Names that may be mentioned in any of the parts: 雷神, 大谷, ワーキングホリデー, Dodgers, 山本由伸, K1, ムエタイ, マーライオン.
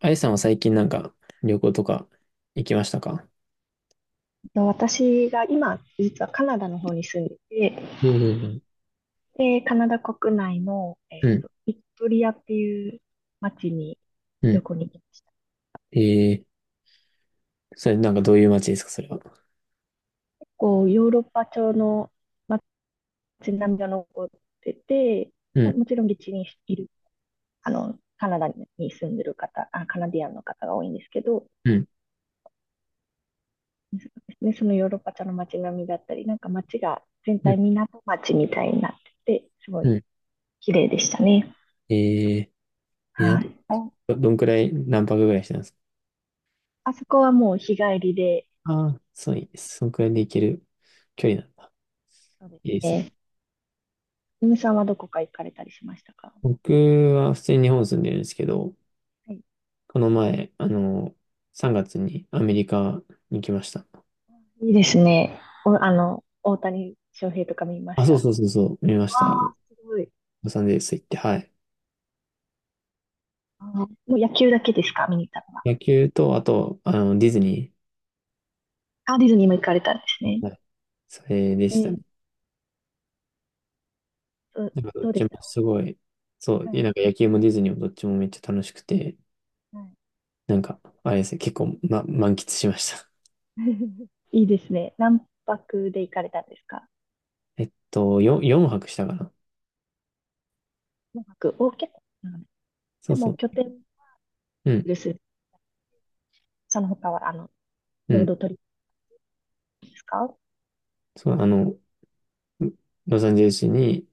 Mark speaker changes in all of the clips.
Speaker 1: あゆさんは最近なんか旅行とか行きましたか？
Speaker 2: と私が今、実はカナダの方に住んでて、
Speaker 1: ええ、
Speaker 2: で、カナダ国内の、
Speaker 1: うん、
Speaker 2: ビクトリアっていう町に
Speaker 1: う
Speaker 2: 旅
Speaker 1: ん。
Speaker 2: 行に行きました。
Speaker 1: ええ。それなんかどういう街ですか、それは？
Speaker 2: こう、ヨーロッパ調の町並みが残ってて、
Speaker 1: う
Speaker 2: まあ、
Speaker 1: ん、
Speaker 2: もちろん現地にいる、カナダに住んでる方、あ、カナディアンの方が多いんですけど、
Speaker 1: うん、
Speaker 2: でそのヨーロッパ調の街並みだったり、なんか町が全
Speaker 1: うん、
Speaker 2: 体港町みたいになってて、すご
Speaker 1: う
Speaker 2: い
Speaker 1: ん。
Speaker 2: 綺麗でしたね。
Speaker 1: えー。港、
Speaker 2: はい。あ
Speaker 1: どんくらい、何泊ぐらいしてたんですか？
Speaker 2: あそこはもう日帰りで、
Speaker 1: ああー、そういいです、そんくらいで行ける距離なんだ。
Speaker 2: そうです
Speaker 1: いいですね。
Speaker 2: ね。ゆみさんはどこか行かれたりしましたか？
Speaker 1: 僕は普通に日本住んでるんですけど、
Speaker 2: はい、
Speaker 1: この前、3月にアメリカに来ました。
Speaker 2: いいですね。お、大谷翔平とか見ま
Speaker 1: あ、
Speaker 2: し
Speaker 1: そ
Speaker 2: た。
Speaker 1: う
Speaker 2: あ
Speaker 1: そうそうそう、見ました。ロ
Speaker 2: あ、すごい。
Speaker 1: サンゼルス行って、はい。
Speaker 2: あはもう野球だけですか、見に行ったのは。
Speaker 1: 野球と、あと、ディズニ
Speaker 2: あ、ディズニーも行かれたんですね。
Speaker 1: ー、それで
Speaker 2: え
Speaker 1: した
Speaker 2: ー、
Speaker 1: ね。
Speaker 2: ど、
Speaker 1: なんかどっ
Speaker 2: どうで
Speaker 1: ち
Speaker 2: し
Speaker 1: も
Speaker 2: た？
Speaker 1: すごい、そう、
Speaker 2: は
Speaker 1: で
Speaker 2: い、
Speaker 1: なんか野球もディズニーもどっちもめっちゃ楽しくて、
Speaker 2: は
Speaker 1: なんか、あれですね、結構、ま、満喫しました。
Speaker 2: い。いいですね。何泊で行かれたんですか？
Speaker 1: 4、4泊したかな。
Speaker 2: 何泊お、結構長め
Speaker 1: そ
Speaker 2: で
Speaker 1: うそ
Speaker 2: も拠
Speaker 1: う。
Speaker 2: 点
Speaker 1: うん、
Speaker 2: です。その他は、
Speaker 1: う
Speaker 2: ロー
Speaker 1: ん。
Speaker 2: ドトリップですか？
Speaker 1: そう、ロサンゼルスに、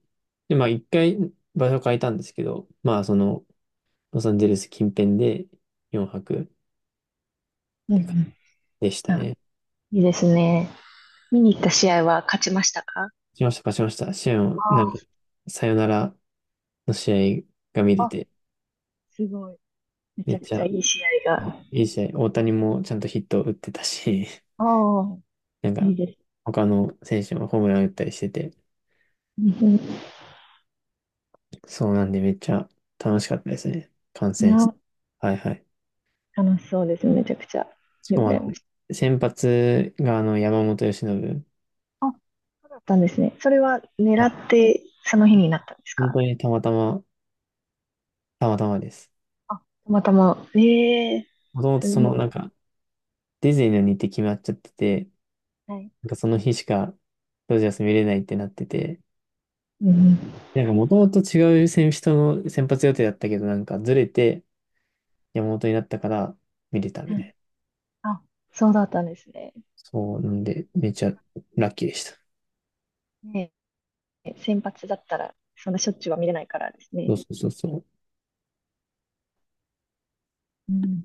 Speaker 1: で、まあ一回場所変えたんですけど、まあロサンゼルス近辺で4泊っ
Speaker 2: う
Speaker 1: て感
Speaker 2: ん
Speaker 1: じでし
Speaker 2: う
Speaker 1: た
Speaker 2: ん。あ、
Speaker 1: ね。
Speaker 2: いいですね。見に行った試合は勝ちましたか？
Speaker 1: しました、勝ちました。試合を、なんか、
Speaker 2: あ
Speaker 1: さよならの試合が見れ
Speaker 2: あ。
Speaker 1: て、
Speaker 2: すごい。めち
Speaker 1: めっ
Speaker 2: ゃく
Speaker 1: ち
Speaker 2: ちゃ
Speaker 1: ゃ
Speaker 2: いい試合が。
Speaker 1: いい試合、大谷もちゃんとヒット打ってたし、
Speaker 2: ああ、
Speaker 1: なん
Speaker 2: い
Speaker 1: か、
Speaker 2: いです。
Speaker 1: 他の選手もホームラン打ったりしてて、
Speaker 2: うん、い
Speaker 1: そうなんでめっちゃ楽しかったですね。観戦。
Speaker 2: や、
Speaker 1: はいはい。
Speaker 2: 楽しそうですね。めちゃくちゃ。
Speaker 1: しか
Speaker 2: で、
Speaker 1: も
Speaker 2: 羨ましい。
Speaker 1: 先発が山本由伸。
Speaker 2: あ、そうだったんですね。それは狙
Speaker 1: はい、
Speaker 2: って、その日になったんです
Speaker 1: 本当
Speaker 2: か？
Speaker 1: にたまたま、たまたまです。
Speaker 2: あ、たまたま。ええ、
Speaker 1: もともと
Speaker 2: すご
Speaker 1: なんか、ディズニーの日程決まっちゃってて、
Speaker 2: い。はい。
Speaker 1: なんかその日しか、ドジャース見れないってなってて、
Speaker 2: うん
Speaker 1: なんかもともと違う選手との先発予定だったけど、なんかずれて、山本になったから見れたみ
Speaker 2: う
Speaker 1: たい
Speaker 2: ん。
Speaker 1: な。
Speaker 2: あ、そうだったんですね。
Speaker 1: そう、なんで、めちゃラッキーでした。
Speaker 2: ね、え、先発だったら、そんなしょっちゅうは見れないからです
Speaker 1: そ
Speaker 2: ね。
Speaker 1: うそうそうそう。
Speaker 2: うん。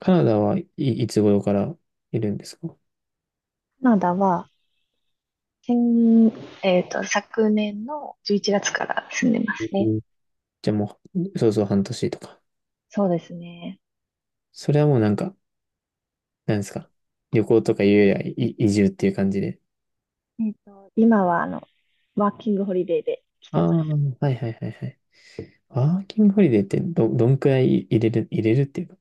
Speaker 1: カナダ、はい、いつ頃からいるんですか？
Speaker 2: カナダは、先、昨年の11月から住んでますね。
Speaker 1: うん。じゃあもう、そうそう半年とか。
Speaker 2: そうですね。
Speaker 1: それはもうなんか、なんですか。旅行とかいうより、はい、移住っていう感じで。
Speaker 2: 今はワーキングホリデーで来
Speaker 1: あ
Speaker 2: て
Speaker 1: あ、
Speaker 2: ます。
Speaker 1: はいはいはいはい。ワーキングホリデーってどんくらい入れる、入れるっていうか。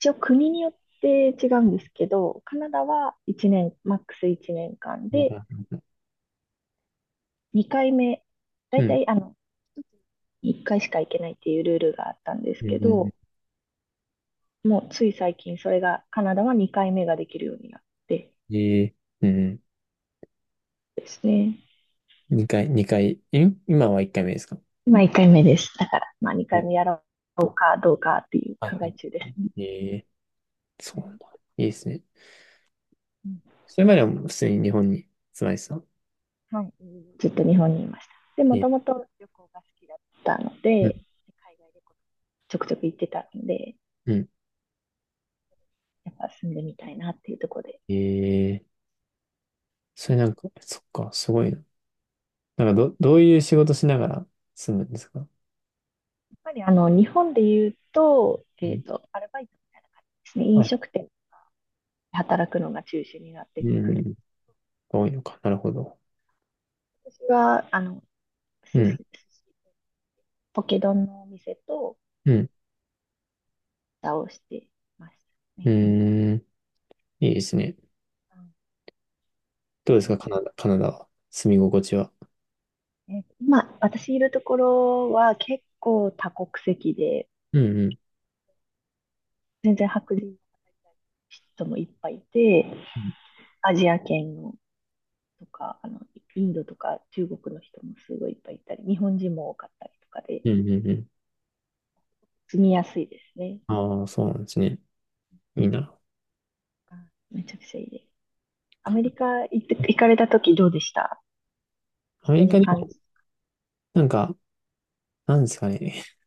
Speaker 2: 一応国によって違うんですけど、カナダは1年、マックス1年間
Speaker 1: いや、
Speaker 2: で、2回目、だ
Speaker 1: う
Speaker 2: いた
Speaker 1: ん。
Speaker 2: い1回しか行けないっていうルールがあったんです
Speaker 1: うんう
Speaker 2: け
Speaker 1: んう
Speaker 2: ど、
Speaker 1: ん、
Speaker 2: もうつい最近それが、カナダは2回目ができるようになって
Speaker 1: ええ、うん。
Speaker 2: ですね。
Speaker 1: 2回、今は1回目ですか？
Speaker 2: 今1回目です。だから、まあ
Speaker 1: う
Speaker 2: 2回
Speaker 1: ん。
Speaker 2: 目やろうかどうかっていう
Speaker 1: はい
Speaker 2: 考
Speaker 1: は
Speaker 2: え中ですね。
Speaker 1: い。ええ、
Speaker 2: う
Speaker 1: そうなん
Speaker 2: ん、
Speaker 1: だ。いいですね。それまでは普通に日本に住まれてたの？
Speaker 2: はい。ずっと日本にいました。で、
Speaker 1: え
Speaker 2: も
Speaker 1: ー。
Speaker 2: ともと旅行が好きだったの
Speaker 1: うん
Speaker 2: で、海外旅行ちょくちょく行ってたので、
Speaker 1: うん。
Speaker 2: やっぱ住んでみたいなっていうところで、や
Speaker 1: えー、それなんか、そっか、すごいな。なんかどういう仕事しながら住むんですか？
Speaker 2: っぱりあの日本で言うと、
Speaker 1: うん、
Speaker 2: アルバイトみたいな感じですね、
Speaker 1: は
Speaker 2: 飲
Speaker 1: い。
Speaker 2: 食店で働くのが中心になっ
Speaker 1: う
Speaker 2: てくる。
Speaker 1: ん。多いのか。なるほど。
Speaker 2: 私はあの
Speaker 1: うん。
Speaker 2: 寿司ポケ丼のお店と
Speaker 1: うん。
Speaker 2: 蓋をしてました
Speaker 1: う
Speaker 2: ね。
Speaker 1: ーん。いいですね。どう
Speaker 2: う
Speaker 1: ですか、
Speaker 2: ん、
Speaker 1: カナダは。住み心地は。
Speaker 2: え今、私いるところは結構多国籍で、
Speaker 1: うんうん。
Speaker 2: 全然白人の人もいっぱいいて、
Speaker 1: うん
Speaker 2: アジア圏のとか、インドとか中国の人もすごいいっぱいいたり、日本人も多かったりとかで、
Speaker 1: うんうん、うん。
Speaker 2: 住みやすいですね。
Speaker 1: ああ、そうなんですね。いいな。
Speaker 2: あ、めちゃくちゃいいです。アメリカ行って、行かれた時どうでした？
Speaker 1: アメ
Speaker 2: 人
Speaker 1: リ
Speaker 2: の
Speaker 1: カで、
Speaker 2: 感じ。
Speaker 1: なんか、なんですかね。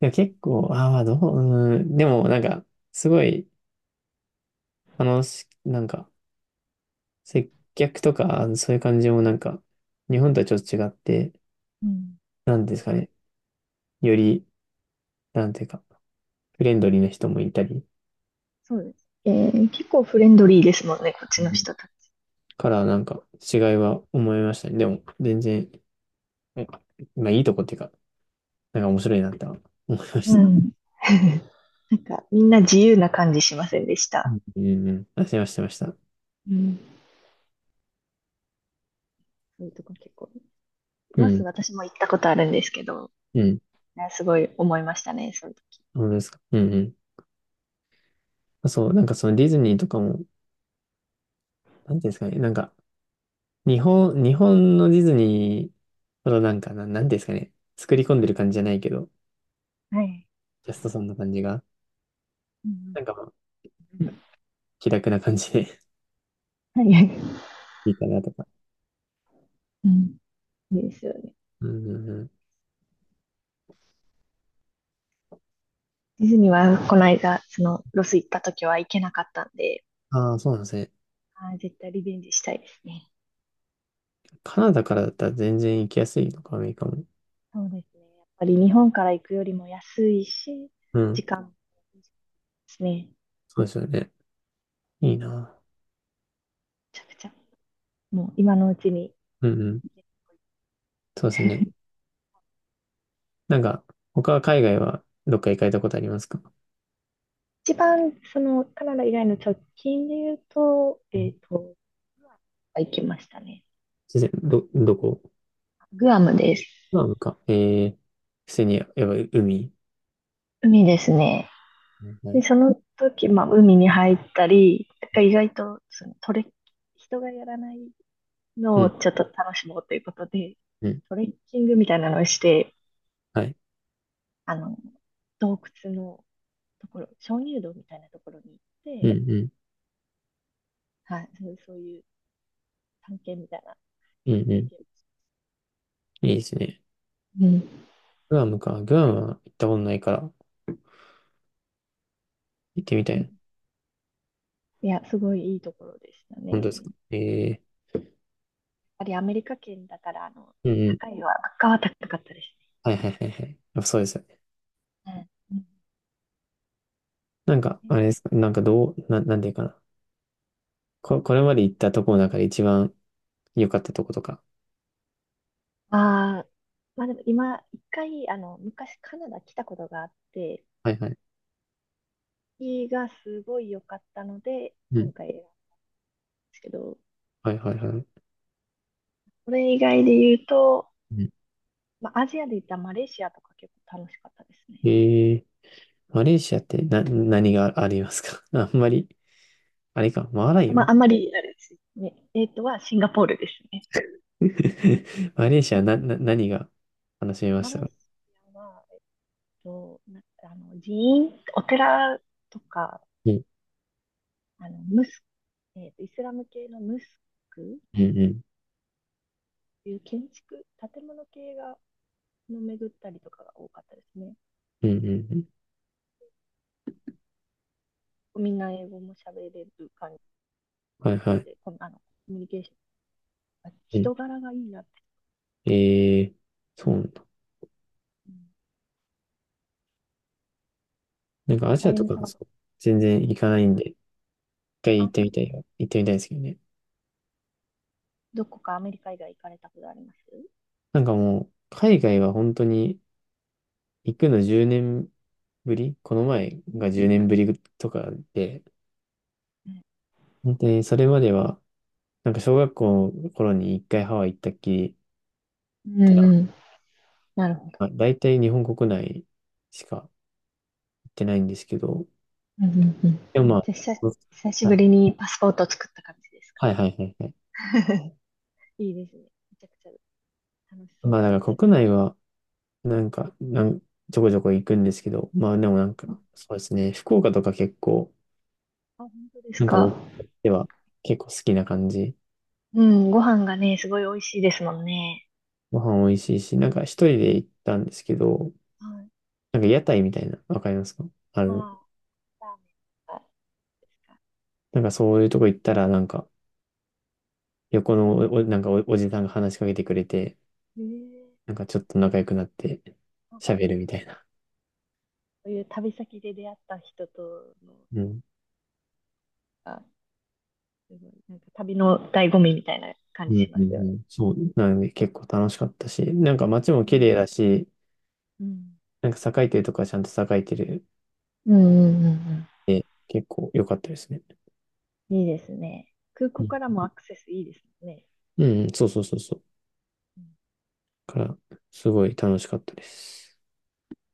Speaker 1: いや、結構、ああ、どう、うーん。でも、なんか、すごい楽し、なんか、接客とか、そういう感じもなんか、日本とはちょっと違って、
Speaker 2: うん。
Speaker 1: なんですかね、より、なんていうか、フレンドリーな人もいたり、
Speaker 2: そうです。えー結構フレンドリーですもんね、こっ
Speaker 1: う
Speaker 2: ちの
Speaker 1: ん。
Speaker 2: 人たち。
Speaker 1: からなんか違いは思いましたね。でも、全然、えまあいいとこっていうか、なんか面白いなって思いま
Speaker 2: う
Speaker 1: し
Speaker 2: う
Speaker 1: た。
Speaker 2: ん。なんか、みんな自由な感じしませんでし
Speaker 1: う
Speaker 2: た？
Speaker 1: んうんうん。あ、してました、してました。
Speaker 2: うん。そういうとこ結構。
Speaker 1: う
Speaker 2: ロス
Speaker 1: ん、
Speaker 2: 私も行ったことあるんですけど、
Speaker 1: うん。
Speaker 2: ね、すごい思いましたね、その時。
Speaker 1: 本当ですか。うんうん。あ、そう、なんかそのディズニーとかも、なんていうんですかね、なんか、日本のディズニーほどなんか、なんていうんですかね、作り込んでる感じじゃないけど、
Speaker 2: はい。
Speaker 1: ジャストさんの感じが、
Speaker 2: うん、
Speaker 1: なんかまあ、気楽な感じで
Speaker 2: はいはい、
Speaker 1: いいかなとか。
Speaker 2: うん、いいですよね。
Speaker 1: うんうんうん。
Speaker 2: ディズニーはこの間、そのロス行った時は行けなかったんで、
Speaker 1: ああ、そうなんですね。
Speaker 2: あー絶対リベンジしたいですね。
Speaker 1: カナダからだったら全然行きやすいのか、アメリカも。
Speaker 2: そうですね。やっぱり日本から行くよりも安いし、
Speaker 1: うん。
Speaker 2: 時間もいですね。め
Speaker 1: そうですよね。いいな。
Speaker 2: ちゃくちゃ。もう今のうちに。
Speaker 1: うんうん。そうですね。なんか、他は海外はどっか行かれたことありますか？
Speaker 2: 一番そのカナダ以外の直近で言うと、
Speaker 1: うん。
Speaker 2: グアムは行きましたね。
Speaker 1: 全然、どこ。
Speaker 2: グアムです。
Speaker 1: まあなムか。えー、普通に、やっぱ海。
Speaker 2: 海ですね。
Speaker 1: は
Speaker 2: で、
Speaker 1: い。
Speaker 2: その時、まあ、海に入ったり、なんか意外とそのトレッ、人がやらない
Speaker 1: う
Speaker 2: のを
Speaker 1: ん、
Speaker 2: ちょっと楽しもうということで、
Speaker 1: うん。
Speaker 2: トレッキングみたいなのをして、
Speaker 1: はい。
Speaker 2: あの、洞窟のところ、鍾乳洞みたいなところに行っ
Speaker 1: う
Speaker 2: て、
Speaker 1: ん、うん。
Speaker 2: はい、そうそういう探検みたいな
Speaker 1: うん、う
Speaker 2: 経験で
Speaker 1: ん。
Speaker 2: す。
Speaker 1: いいですね。
Speaker 2: うん。
Speaker 1: グアムか。グアムは行ったことないから、行ってみた
Speaker 2: う
Speaker 1: いな。
Speaker 2: ん、いや、すごいいいところでした
Speaker 1: 本
Speaker 2: ね。
Speaker 1: 当です
Speaker 2: やっ
Speaker 1: か？えー、
Speaker 2: ぱりアメリカ圏だから、
Speaker 1: うん、うん、
Speaker 2: 高いは、物価は高かったです
Speaker 1: はいはいはいはい。あ、そうですよね。
Speaker 2: ね。うん
Speaker 1: なんか、
Speaker 2: うん、
Speaker 1: あれですか、なんかどう、なんていうかな。これまで行ったとこの中で一番良かったとことか。
Speaker 2: ああ、まあでも今、一回、昔カナダ来たことがあって、
Speaker 1: はいはい。
Speaker 2: 日がすごい良かったので、
Speaker 1: うん。
Speaker 2: 今回選んだんですけど、
Speaker 1: はいはいはい。
Speaker 2: これ以外で言うと、
Speaker 1: うん、
Speaker 2: まあアジアで言ったらマレーシアとか結構楽しかったです
Speaker 1: え
Speaker 2: ね。
Speaker 1: ー、マレーシアって何がありますか？ あんまり、あれか、マーライオ
Speaker 2: ま
Speaker 1: ン
Speaker 2: ああんまり、あれですね。えっとはシンガポールですね。
Speaker 1: マレーシア何が楽しめま
Speaker 2: マ
Speaker 1: し
Speaker 2: レ
Speaker 1: た
Speaker 2: ー
Speaker 1: か？
Speaker 2: シアは、な、寺院、お寺とか、
Speaker 1: うん、
Speaker 2: ムス、イスラム系のムスクっ
Speaker 1: うん、うん、
Speaker 2: ていう建築、建物系が、の巡ったりとかが多かったですね。
Speaker 1: うん、うんうん。
Speaker 2: みんな英語も喋れる感
Speaker 1: はいは
Speaker 2: じ
Speaker 1: い。
Speaker 2: で、このあのコミュニケーション、
Speaker 1: うん、
Speaker 2: 人柄がいいなって。
Speaker 1: えー、そうなんだ。
Speaker 2: うん、
Speaker 1: なんかア
Speaker 2: ね、
Speaker 1: ジ
Speaker 2: あ
Speaker 1: ア
Speaker 2: ゆ
Speaker 1: と
Speaker 2: み
Speaker 1: か
Speaker 2: さん
Speaker 1: が
Speaker 2: は
Speaker 1: そ
Speaker 2: ど,、
Speaker 1: う、全然行かないんで、一回行
Speaker 2: あ、
Speaker 1: って
Speaker 2: そう
Speaker 1: み
Speaker 2: なん
Speaker 1: た
Speaker 2: だ。
Speaker 1: いよ。行ってみたいですけどね。
Speaker 2: どこかアメリカ以外行かれたことあります？
Speaker 1: なんかもう、海外は本当に行くの10年ぶり、この前が10年ぶりとかで、本当にそれまでは、なんか小学校の頃に一回ハワイ行ったっきり
Speaker 2: う
Speaker 1: で、な
Speaker 2: んうん。なるほど。
Speaker 1: んか大体日本国内しか行ってないんですけど、
Speaker 2: うんうんうん、
Speaker 1: でもまあ、
Speaker 2: じゃあ
Speaker 1: そう、
Speaker 2: 久し
Speaker 1: は
Speaker 2: ぶ
Speaker 1: い
Speaker 2: りにパスポートを作った感じですか。
Speaker 1: はいはいはいはい。
Speaker 2: いいですね。めちゃくちゃ楽しそ
Speaker 1: まあ
Speaker 2: うで
Speaker 1: だから
Speaker 2: す。
Speaker 1: 国内は、なんか、ちょこちょこ行くんですけど、まあでもなん
Speaker 2: うん、
Speaker 1: か、そうですね、福岡とか結構、
Speaker 2: あ、本当です
Speaker 1: なんか
Speaker 2: か。
Speaker 1: 僕としては結構好きな感じ。
Speaker 2: うん、ご飯がね、すごい美味しいですもんね。
Speaker 1: ご飯美味しいし、なんか一人で行ったんですけど、
Speaker 2: はい。
Speaker 1: なんか屋台みたいな、わかりますか？あ
Speaker 2: あ
Speaker 1: の、
Speaker 2: あ、ラーメンとかですか。
Speaker 1: なんかそういうとこ行ったら、なんか横のなんかおじさんが話しかけてくれて、
Speaker 2: へえ、
Speaker 1: なんかちょっと仲良くなって喋るみたいな。
Speaker 2: そういう旅先で出会った人との
Speaker 1: うん。
Speaker 2: が、すごいなんか旅の醍醐味みたいな感
Speaker 1: う
Speaker 2: じ
Speaker 1: んう
Speaker 2: し
Speaker 1: ん
Speaker 2: ま
Speaker 1: う
Speaker 2: すよね。
Speaker 1: ん。そう。なんで結構楽しかったし、なんか街も
Speaker 2: う
Speaker 1: 綺麗
Speaker 2: ん。
Speaker 1: だし、
Speaker 2: うん
Speaker 1: なんか栄えてるとかちゃんと栄えてる、
Speaker 2: うんうん、うん
Speaker 1: 結構良かったですね。
Speaker 2: うん。いいですね。空
Speaker 1: う
Speaker 2: 港
Speaker 1: ん、
Speaker 2: からもアクセスいいですね。
Speaker 1: うんうん、そうそうそうそう。
Speaker 2: うん
Speaker 1: から、すごい楽しかったです。